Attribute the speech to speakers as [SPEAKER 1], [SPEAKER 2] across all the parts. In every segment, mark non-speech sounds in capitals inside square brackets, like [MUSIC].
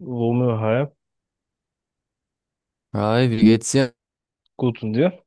[SPEAKER 1] Romeo Halb,
[SPEAKER 2] Hi, wie geht's dir?
[SPEAKER 1] gut und dir?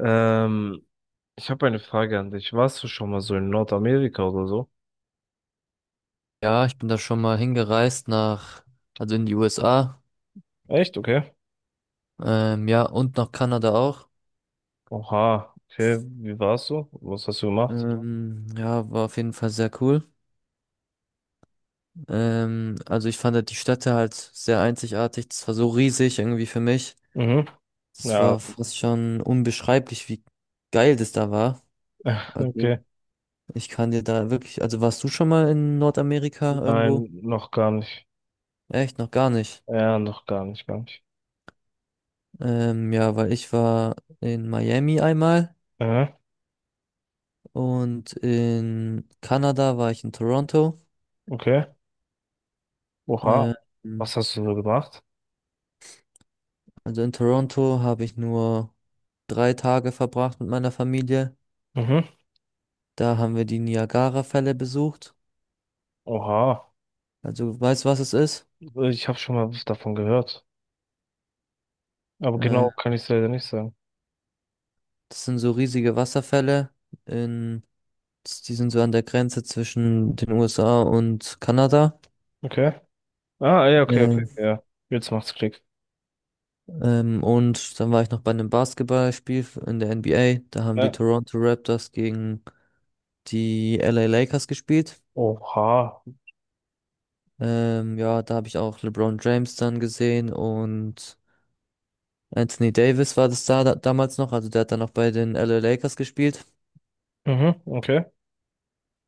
[SPEAKER 1] Ähm, Ich habe eine Frage an dich. Warst du schon mal so in Nordamerika oder so?
[SPEAKER 2] Ja, ich bin da schon mal hingereist nach, also in die USA,
[SPEAKER 1] Echt? Okay.
[SPEAKER 2] ja, und nach Kanada auch.
[SPEAKER 1] Oha, okay. Wie warst du? Was hast du gemacht?
[SPEAKER 2] Ja, war auf jeden Fall sehr cool. Also ich fand halt die Städte halt sehr einzigartig. Das war so riesig irgendwie für mich.
[SPEAKER 1] Mhm.
[SPEAKER 2] Das
[SPEAKER 1] Ja,
[SPEAKER 2] war fast schon unbeschreiblich, wie geil das da war.
[SPEAKER 1] [LAUGHS]
[SPEAKER 2] Also
[SPEAKER 1] okay.
[SPEAKER 2] ich kann dir da wirklich, also warst du schon mal in Nordamerika
[SPEAKER 1] Nein,
[SPEAKER 2] irgendwo?
[SPEAKER 1] noch gar nicht.
[SPEAKER 2] Echt, noch gar nicht.
[SPEAKER 1] Ja, noch gar nicht, gar nicht.
[SPEAKER 2] Ja, weil ich war in Miami einmal.
[SPEAKER 1] Mhm.
[SPEAKER 2] Und in Kanada war ich in Toronto.
[SPEAKER 1] Okay. Oha.
[SPEAKER 2] Ähm,
[SPEAKER 1] Was hast du so gemacht?
[SPEAKER 2] also in Toronto habe ich nur 3 Tage verbracht mit meiner Familie.
[SPEAKER 1] Mhm.
[SPEAKER 2] Da haben wir die Niagara-Fälle besucht.
[SPEAKER 1] Oha.
[SPEAKER 2] Also weißt du, was es ist?
[SPEAKER 1] Ich habe schon mal was davon gehört. Aber
[SPEAKER 2] Äh,
[SPEAKER 1] genau kann ich es leider nicht sagen.
[SPEAKER 2] Das sind so riesige Wasserfälle. In, Die sind so an der Grenze zwischen den USA und Kanada.
[SPEAKER 1] Okay. Ah, ja, okay, okay.
[SPEAKER 2] Äh,
[SPEAKER 1] Ja. Jetzt macht's Klick.
[SPEAKER 2] und dann war ich noch bei einem Basketballspiel in der NBA. Da haben die
[SPEAKER 1] Ne.
[SPEAKER 2] Toronto Raptors gegen die LA Lakers gespielt.
[SPEAKER 1] Oha.
[SPEAKER 2] Ja, da habe ich auch LeBron James dann gesehen und Anthony Davis war das da damals noch. Also der hat dann auch bei den LA Lakers gespielt.
[SPEAKER 1] Mhm, okay.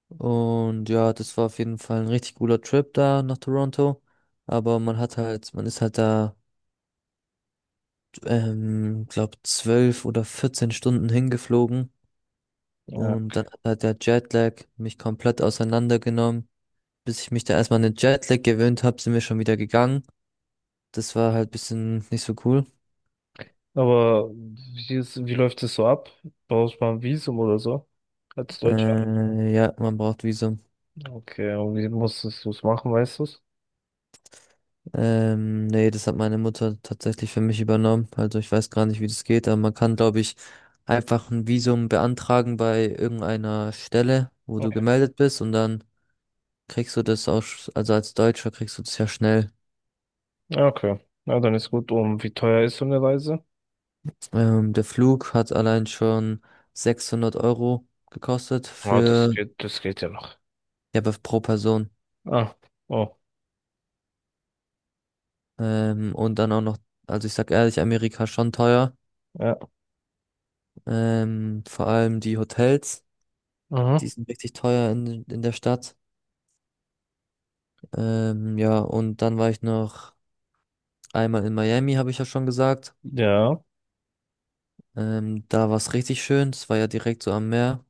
[SPEAKER 2] Und ja, das war auf jeden Fall ein richtig cooler Trip da nach Toronto. Aber man hat halt, man ist halt da, glaub, zwölf oder 14 Stunden hingeflogen.
[SPEAKER 1] Ja.
[SPEAKER 2] Und dann hat halt der Jetlag mich komplett auseinandergenommen. Bis ich mich da erstmal an den Jetlag gewöhnt habe, sind wir schon wieder gegangen. Das war halt bisschen nicht so cool.
[SPEAKER 1] Aber wie läuft es so ab? Brauchst du mal ein Visum oder so? Als Deutscher?
[SPEAKER 2] Ja, man braucht Visum.
[SPEAKER 1] Okay, und wie musstest du es machen, weißt du es?
[SPEAKER 2] Nee, das hat meine Mutter tatsächlich für mich übernommen. Also ich weiß gar nicht, wie das geht, aber man kann, glaube ich, einfach ein Visum beantragen bei irgendeiner Stelle, wo du
[SPEAKER 1] Okay.
[SPEAKER 2] gemeldet bist und dann kriegst du das auch, also als Deutscher kriegst du das ja schnell.
[SPEAKER 1] Ja, okay. Na, dann ist gut. Und wie teuer ist so eine Reise?
[SPEAKER 2] Der Flug hat allein schon 600 € gekostet
[SPEAKER 1] Ah,
[SPEAKER 2] für,
[SPEAKER 1] das geht ja noch.
[SPEAKER 2] ja, aber pro Person.
[SPEAKER 1] Ah, oh,
[SPEAKER 2] Und dann auch noch, also ich sag ehrlich, Amerika schon teuer.
[SPEAKER 1] ja.
[SPEAKER 2] Vor allem die Hotels,
[SPEAKER 1] Mhm.
[SPEAKER 2] die sind richtig teuer in der Stadt. Ja, und dann war ich noch einmal in Miami, habe ich ja schon gesagt.
[SPEAKER 1] Ja.
[SPEAKER 2] Da war es richtig schön. Es war ja direkt so am Meer.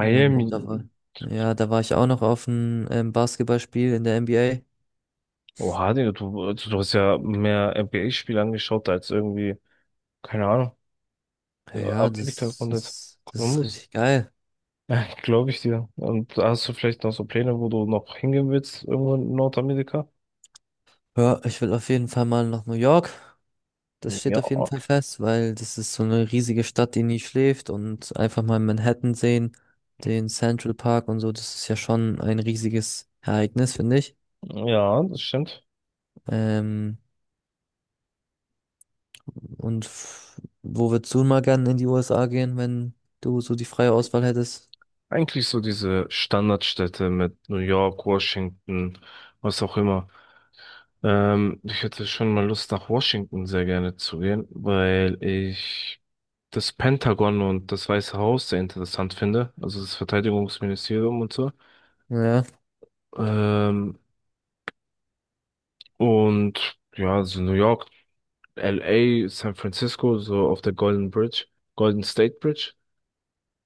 [SPEAKER 2] Ähm, und da war, Mhm. Ja, da war ich auch noch auf einem Basketballspiel in der NBA.
[SPEAKER 1] Oha, Digga, du, also du hast ja mehr NBA-Spiele angeschaut als irgendwie, keine Ahnung,
[SPEAKER 2] Ja,
[SPEAKER 1] Amerika
[SPEAKER 2] das
[SPEAKER 1] und jetzt
[SPEAKER 2] ist, das ist
[SPEAKER 1] Columbus.
[SPEAKER 2] richtig geil.
[SPEAKER 1] Ja, glaube ich dir. Und hast du vielleicht noch so Pläne, wo du noch hingehen willst, irgendwo in Nordamerika?
[SPEAKER 2] Ja, ich will auf jeden Fall mal nach New York. Das steht
[SPEAKER 1] Ja,
[SPEAKER 2] auf jeden Fall
[SPEAKER 1] okay.
[SPEAKER 2] fest, weil das ist so eine riesige Stadt, die nie schläft und einfach mal Manhattan sehen, den Central Park und so, das ist ja schon ein riesiges Ereignis, finde ich.
[SPEAKER 1] Ja, das stimmt.
[SPEAKER 2] Ähm, Und wo würdest du mal gern in die USA gehen, wenn du so die freie Auswahl hättest?
[SPEAKER 1] Eigentlich so diese Standardstädte mit New York, Washington, was auch immer. Ich hätte schon mal Lust, nach Washington sehr gerne zu gehen, weil ich das Pentagon und das Weiße Haus sehr interessant finde. Also das Verteidigungsministerium und so.
[SPEAKER 2] Ja,
[SPEAKER 1] Ähm, und ja, also New York. LA, San Francisco, so auf der Golden Bridge, Golden State Bridge,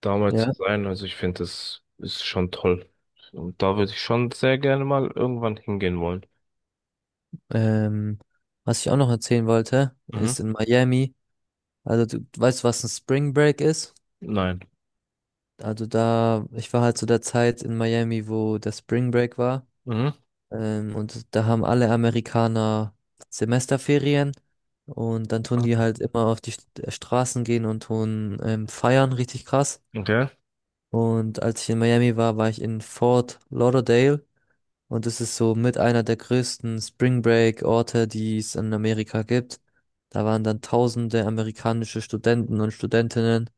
[SPEAKER 1] damals zu
[SPEAKER 2] ja.
[SPEAKER 1] sein. Also ich finde, das ist schon toll. Und da würde ich schon sehr gerne mal irgendwann hingehen wollen.
[SPEAKER 2] Ähm, Was ich auch noch erzählen wollte,
[SPEAKER 1] Mhm.
[SPEAKER 2] ist in Miami. Also du weißt, was ein Spring Break ist?
[SPEAKER 1] Nein.
[SPEAKER 2] Also da, ich war halt zu der Zeit in Miami, wo der Spring Break war.
[SPEAKER 1] Mhm.
[SPEAKER 2] Und da haben alle Amerikaner Semesterferien. Und dann tun die halt immer auf die Straßen gehen und tun feiern, richtig krass.
[SPEAKER 1] Okay.
[SPEAKER 2] Und als ich in Miami war, war ich in Fort Lauderdale. Und es ist so mit einer der größten Spring Break Orte, die es in Amerika gibt. Da waren dann tausende amerikanische Studenten und Studentinnen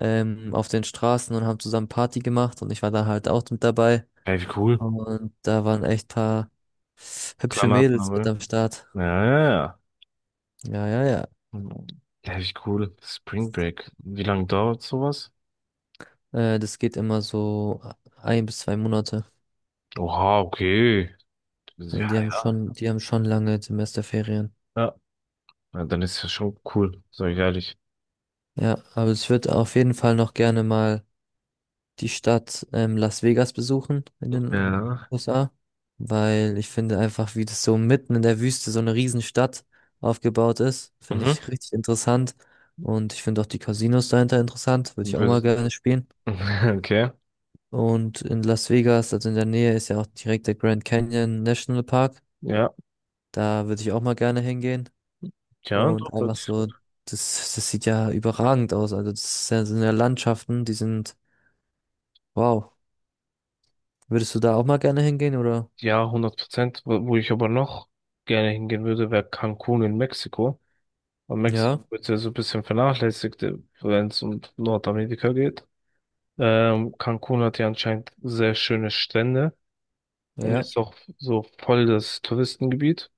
[SPEAKER 2] auf den Straßen und haben zusammen Party gemacht. Und ich war da halt auch mit dabei.
[SPEAKER 1] Ey, wie cool.
[SPEAKER 2] Und da waren echt paar hübsche
[SPEAKER 1] Granaten,
[SPEAKER 2] Mädels mit
[SPEAKER 1] aber.
[SPEAKER 2] am Start.
[SPEAKER 1] Ja, ja, ja.
[SPEAKER 2] Ja, ja, ja.
[SPEAKER 1] Mhm. Ja, wie cool. Spring Break. Wie lange dauert sowas?
[SPEAKER 2] Das geht immer so 1 bis 2 Monate.
[SPEAKER 1] Oha, okay.
[SPEAKER 2] Also die
[SPEAKER 1] Ja,
[SPEAKER 2] haben
[SPEAKER 1] ja.
[SPEAKER 2] schon, die haben schon lange Semesterferien.
[SPEAKER 1] Ja. Ja, dann ist ja schon cool, sag ich ehrlich.
[SPEAKER 2] Ja, aber ich würde auf jeden Fall noch gerne mal die Stadt Las Vegas besuchen in den
[SPEAKER 1] Ja.
[SPEAKER 2] USA, weil ich finde einfach, wie das so mitten in der Wüste so eine Riesenstadt aufgebaut ist, finde
[SPEAKER 1] Mhm.
[SPEAKER 2] ich richtig interessant. Und ich finde auch die Casinos dahinter interessant, würde ich auch mal
[SPEAKER 1] Wür-
[SPEAKER 2] gerne spielen.
[SPEAKER 1] [LAUGHS] okay.
[SPEAKER 2] Und in Las Vegas, also in der Nähe, ist ja auch direkt der Grand Canyon National Park.
[SPEAKER 1] Ja.
[SPEAKER 2] Da würde ich auch mal gerne hingehen.
[SPEAKER 1] Ja, doch,
[SPEAKER 2] Und
[SPEAKER 1] hört
[SPEAKER 2] einfach
[SPEAKER 1] sich
[SPEAKER 2] so,
[SPEAKER 1] gut.
[SPEAKER 2] das sieht ja überragend aus. Also das sind ja Landschaften, die sind wow. Würdest du da auch mal gerne hingehen, oder?
[SPEAKER 1] Ja, hundert Prozent. Wo ich aber noch gerne hingehen würde, wäre Cancun in Mexiko. Weil Mexiko
[SPEAKER 2] Ja,
[SPEAKER 1] wird ja so ein bisschen vernachlässigt, wenn es um Nordamerika geht. Cancun hat ja anscheinend sehr schöne Strände
[SPEAKER 2] ja,
[SPEAKER 1] und
[SPEAKER 2] ja.
[SPEAKER 1] ist auch so voll das Touristengebiet.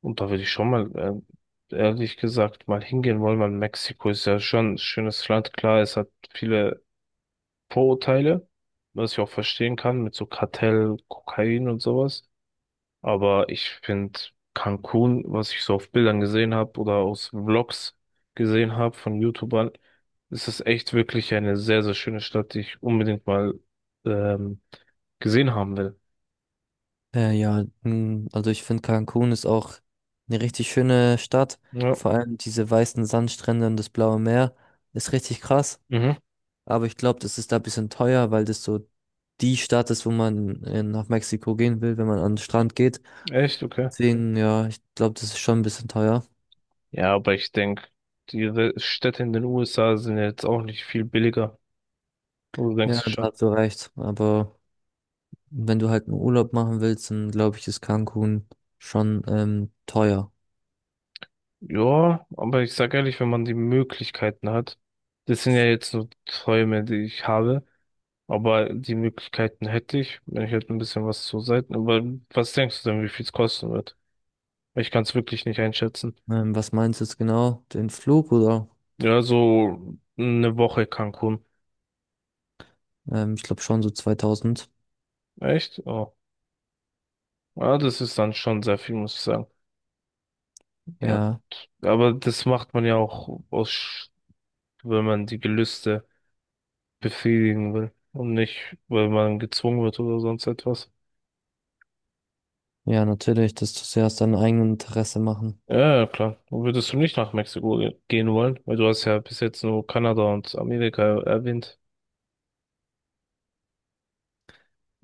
[SPEAKER 1] Und da würde ich schon mal, ehrlich gesagt, mal hingehen wollen, weil Mexiko ist ja schon ein schönes Land. Klar, es hat viele Vorurteile, was ich auch verstehen kann, mit so Kartell, Kokain und sowas. Aber ich finde Cancun, was ich so auf Bildern gesehen habe oder aus Vlogs gesehen habe von YouTubern, ist es echt wirklich eine sehr, sehr schöne Stadt, die ich unbedingt mal ähm, gesehen haben will.
[SPEAKER 2] Ja, also ich finde Cancun ist auch eine richtig schöne Stadt.
[SPEAKER 1] Ja,
[SPEAKER 2] Vor allem diese weißen Sandstrände und das blaue Meer ist richtig krass.
[SPEAKER 1] mhm.
[SPEAKER 2] Aber ich glaube, das ist da ein bisschen teuer, weil das so die Stadt ist, wo man nach Mexiko gehen will, wenn man an den Strand geht.
[SPEAKER 1] Echt, okay.
[SPEAKER 2] Deswegen, ja, ich glaube, das ist schon ein bisschen teuer.
[SPEAKER 1] Ja, aber ich denke, die Städte in den USA sind ja jetzt auch nicht viel billiger. Oder denkst
[SPEAKER 2] Ja,
[SPEAKER 1] du
[SPEAKER 2] da
[SPEAKER 1] schon?
[SPEAKER 2] hast du recht. Aber wenn du halt einen Urlaub machen willst, dann glaube ich, ist Cancun schon teuer.
[SPEAKER 1] Ja, aber ich sag ehrlich, wenn man die Möglichkeiten hat, das sind ja jetzt nur Träume, die ich habe. Aber die Möglichkeiten hätte ich, wenn ich halt ein bisschen was zur Seite. Aber was denkst du denn, wie viel es kosten wird? Ich kann es wirklich nicht einschätzen.
[SPEAKER 2] Was meinst du jetzt genau? Den Flug oder?
[SPEAKER 1] Ja, so eine Woche Cancun.
[SPEAKER 2] Ich glaube schon so 2000.
[SPEAKER 1] Echt? Oh. Ja, das ist dann schon sehr viel, muss ich sagen. Ja.
[SPEAKER 2] Ja,
[SPEAKER 1] Aber das macht man ja auch aus, wenn man die Gelüste befriedigen will. Und nicht, weil man gezwungen wird oder sonst etwas.
[SPEAKER 2] ja, natürlich. Das tust du ja aus deinem eigenen Interesse machen.
[SPEAKER 1] Ja, ja, klar. Und würdest du nicht nach Mexiko gehen wollen? Weil du hast ja bis jetzt nur Kanada und Amerika erwähnt.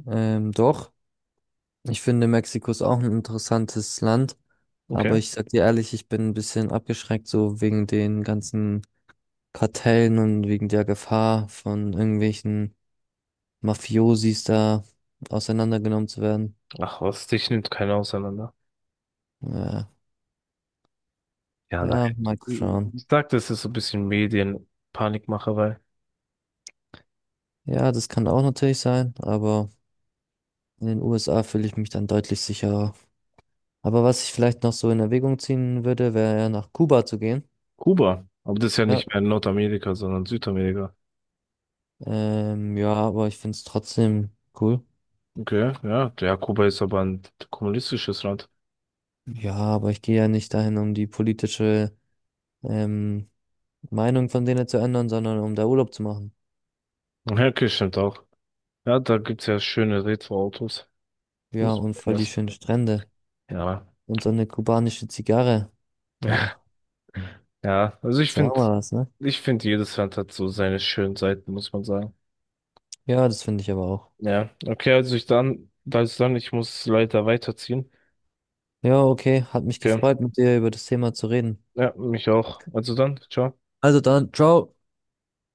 [SPEAKER 2] Doch, ich finde Mexiko ist auch ein interessantes Land. Aber
[SPEAKER 1] Okay.
[SPEAKER 2] ich sag dir ehrlich, ich bin ein bisschen abgeschreckt, so wegen den ganzen Kartellen und wegen der Gefahr von irgendwelchen Mafiosis da auseinandergenommen zu werden.
[SPEAKER 1] Ach was, dich nimmt keiner auseinander.
[SPEAKER 2] Ja,
[SPEAKER 1] Ja, nein.
[SPEAKER 2] ja, mal schauen.
[SPEAKER 1] Ich sag, das ist so ein bisschen Medienpanikmacherei.
[SPEAKER 2] Ja, das kann auch natürlich sein, aber in den USA fühle ich mich dann deutlich sicherer. Aber was ich vielleicht noch so in Erwägung ziehen würde, wäre ja nach Kuba zu gehen.
[SPEAKER 1] Kuba. Aber das ist ja
[SPEAKER 2] Ja.
[SPEAKER 1] nicht mehr Nordamerika, sondern Südamerika.
[SPEAKER 2] Ja, aber ich finde es trotzdem cool.
[SPEAKER 1] Okay, ja. Ja, Kuba ist aber ein kommunistisches Land.
[SPEAKER 2] Ja, aber ich gehe ja nicht dahin, um die politische ähm, Meinung von denen zu ändern, sondern um da Urlaub zu machen.
[SPEAKER 1] Ja, okay, stimmt auch. Ja, da gibt's ja schöne Retro-Autos.
[SPEAKER 2] Ja,
[SPEAKER 1] Muss
[SPEAKER 2] und
[SPEAKER 1] man
[SPEAKER 2] voll die
[SPEAKER 1] lassen.
[SPEAKER 2] schönen Strände.
[SPEAKER 1] Ja.
[SPEAKER 2] Und so eine kubanische Zigarre. Ach,
[SPEAKER 1] [LAUGHS] Ja, also
[SPEAKER 2] ist ja auch mal was, ne?
[SPEAKER 1] ich finde, jedes Land hat so seine schönen Seiten, muss man sagen.
[SPEAKER 2] Ja, das finde ich aber auch.
[SPEAKER 1] Ja, okay, also ich dann, also dann, ich muss leider weiterziehen.
[SPEAKER 2] Ja, okay. Hat mich
[SPEAKER 1] Okay.
[SPEAKER 2] gefreut, mit dir über das Thema zu reden.
[SPEAKER 1] Ja, mich auch. Also dann, ciao.
[SPEAKER 2] Also dann, ciao.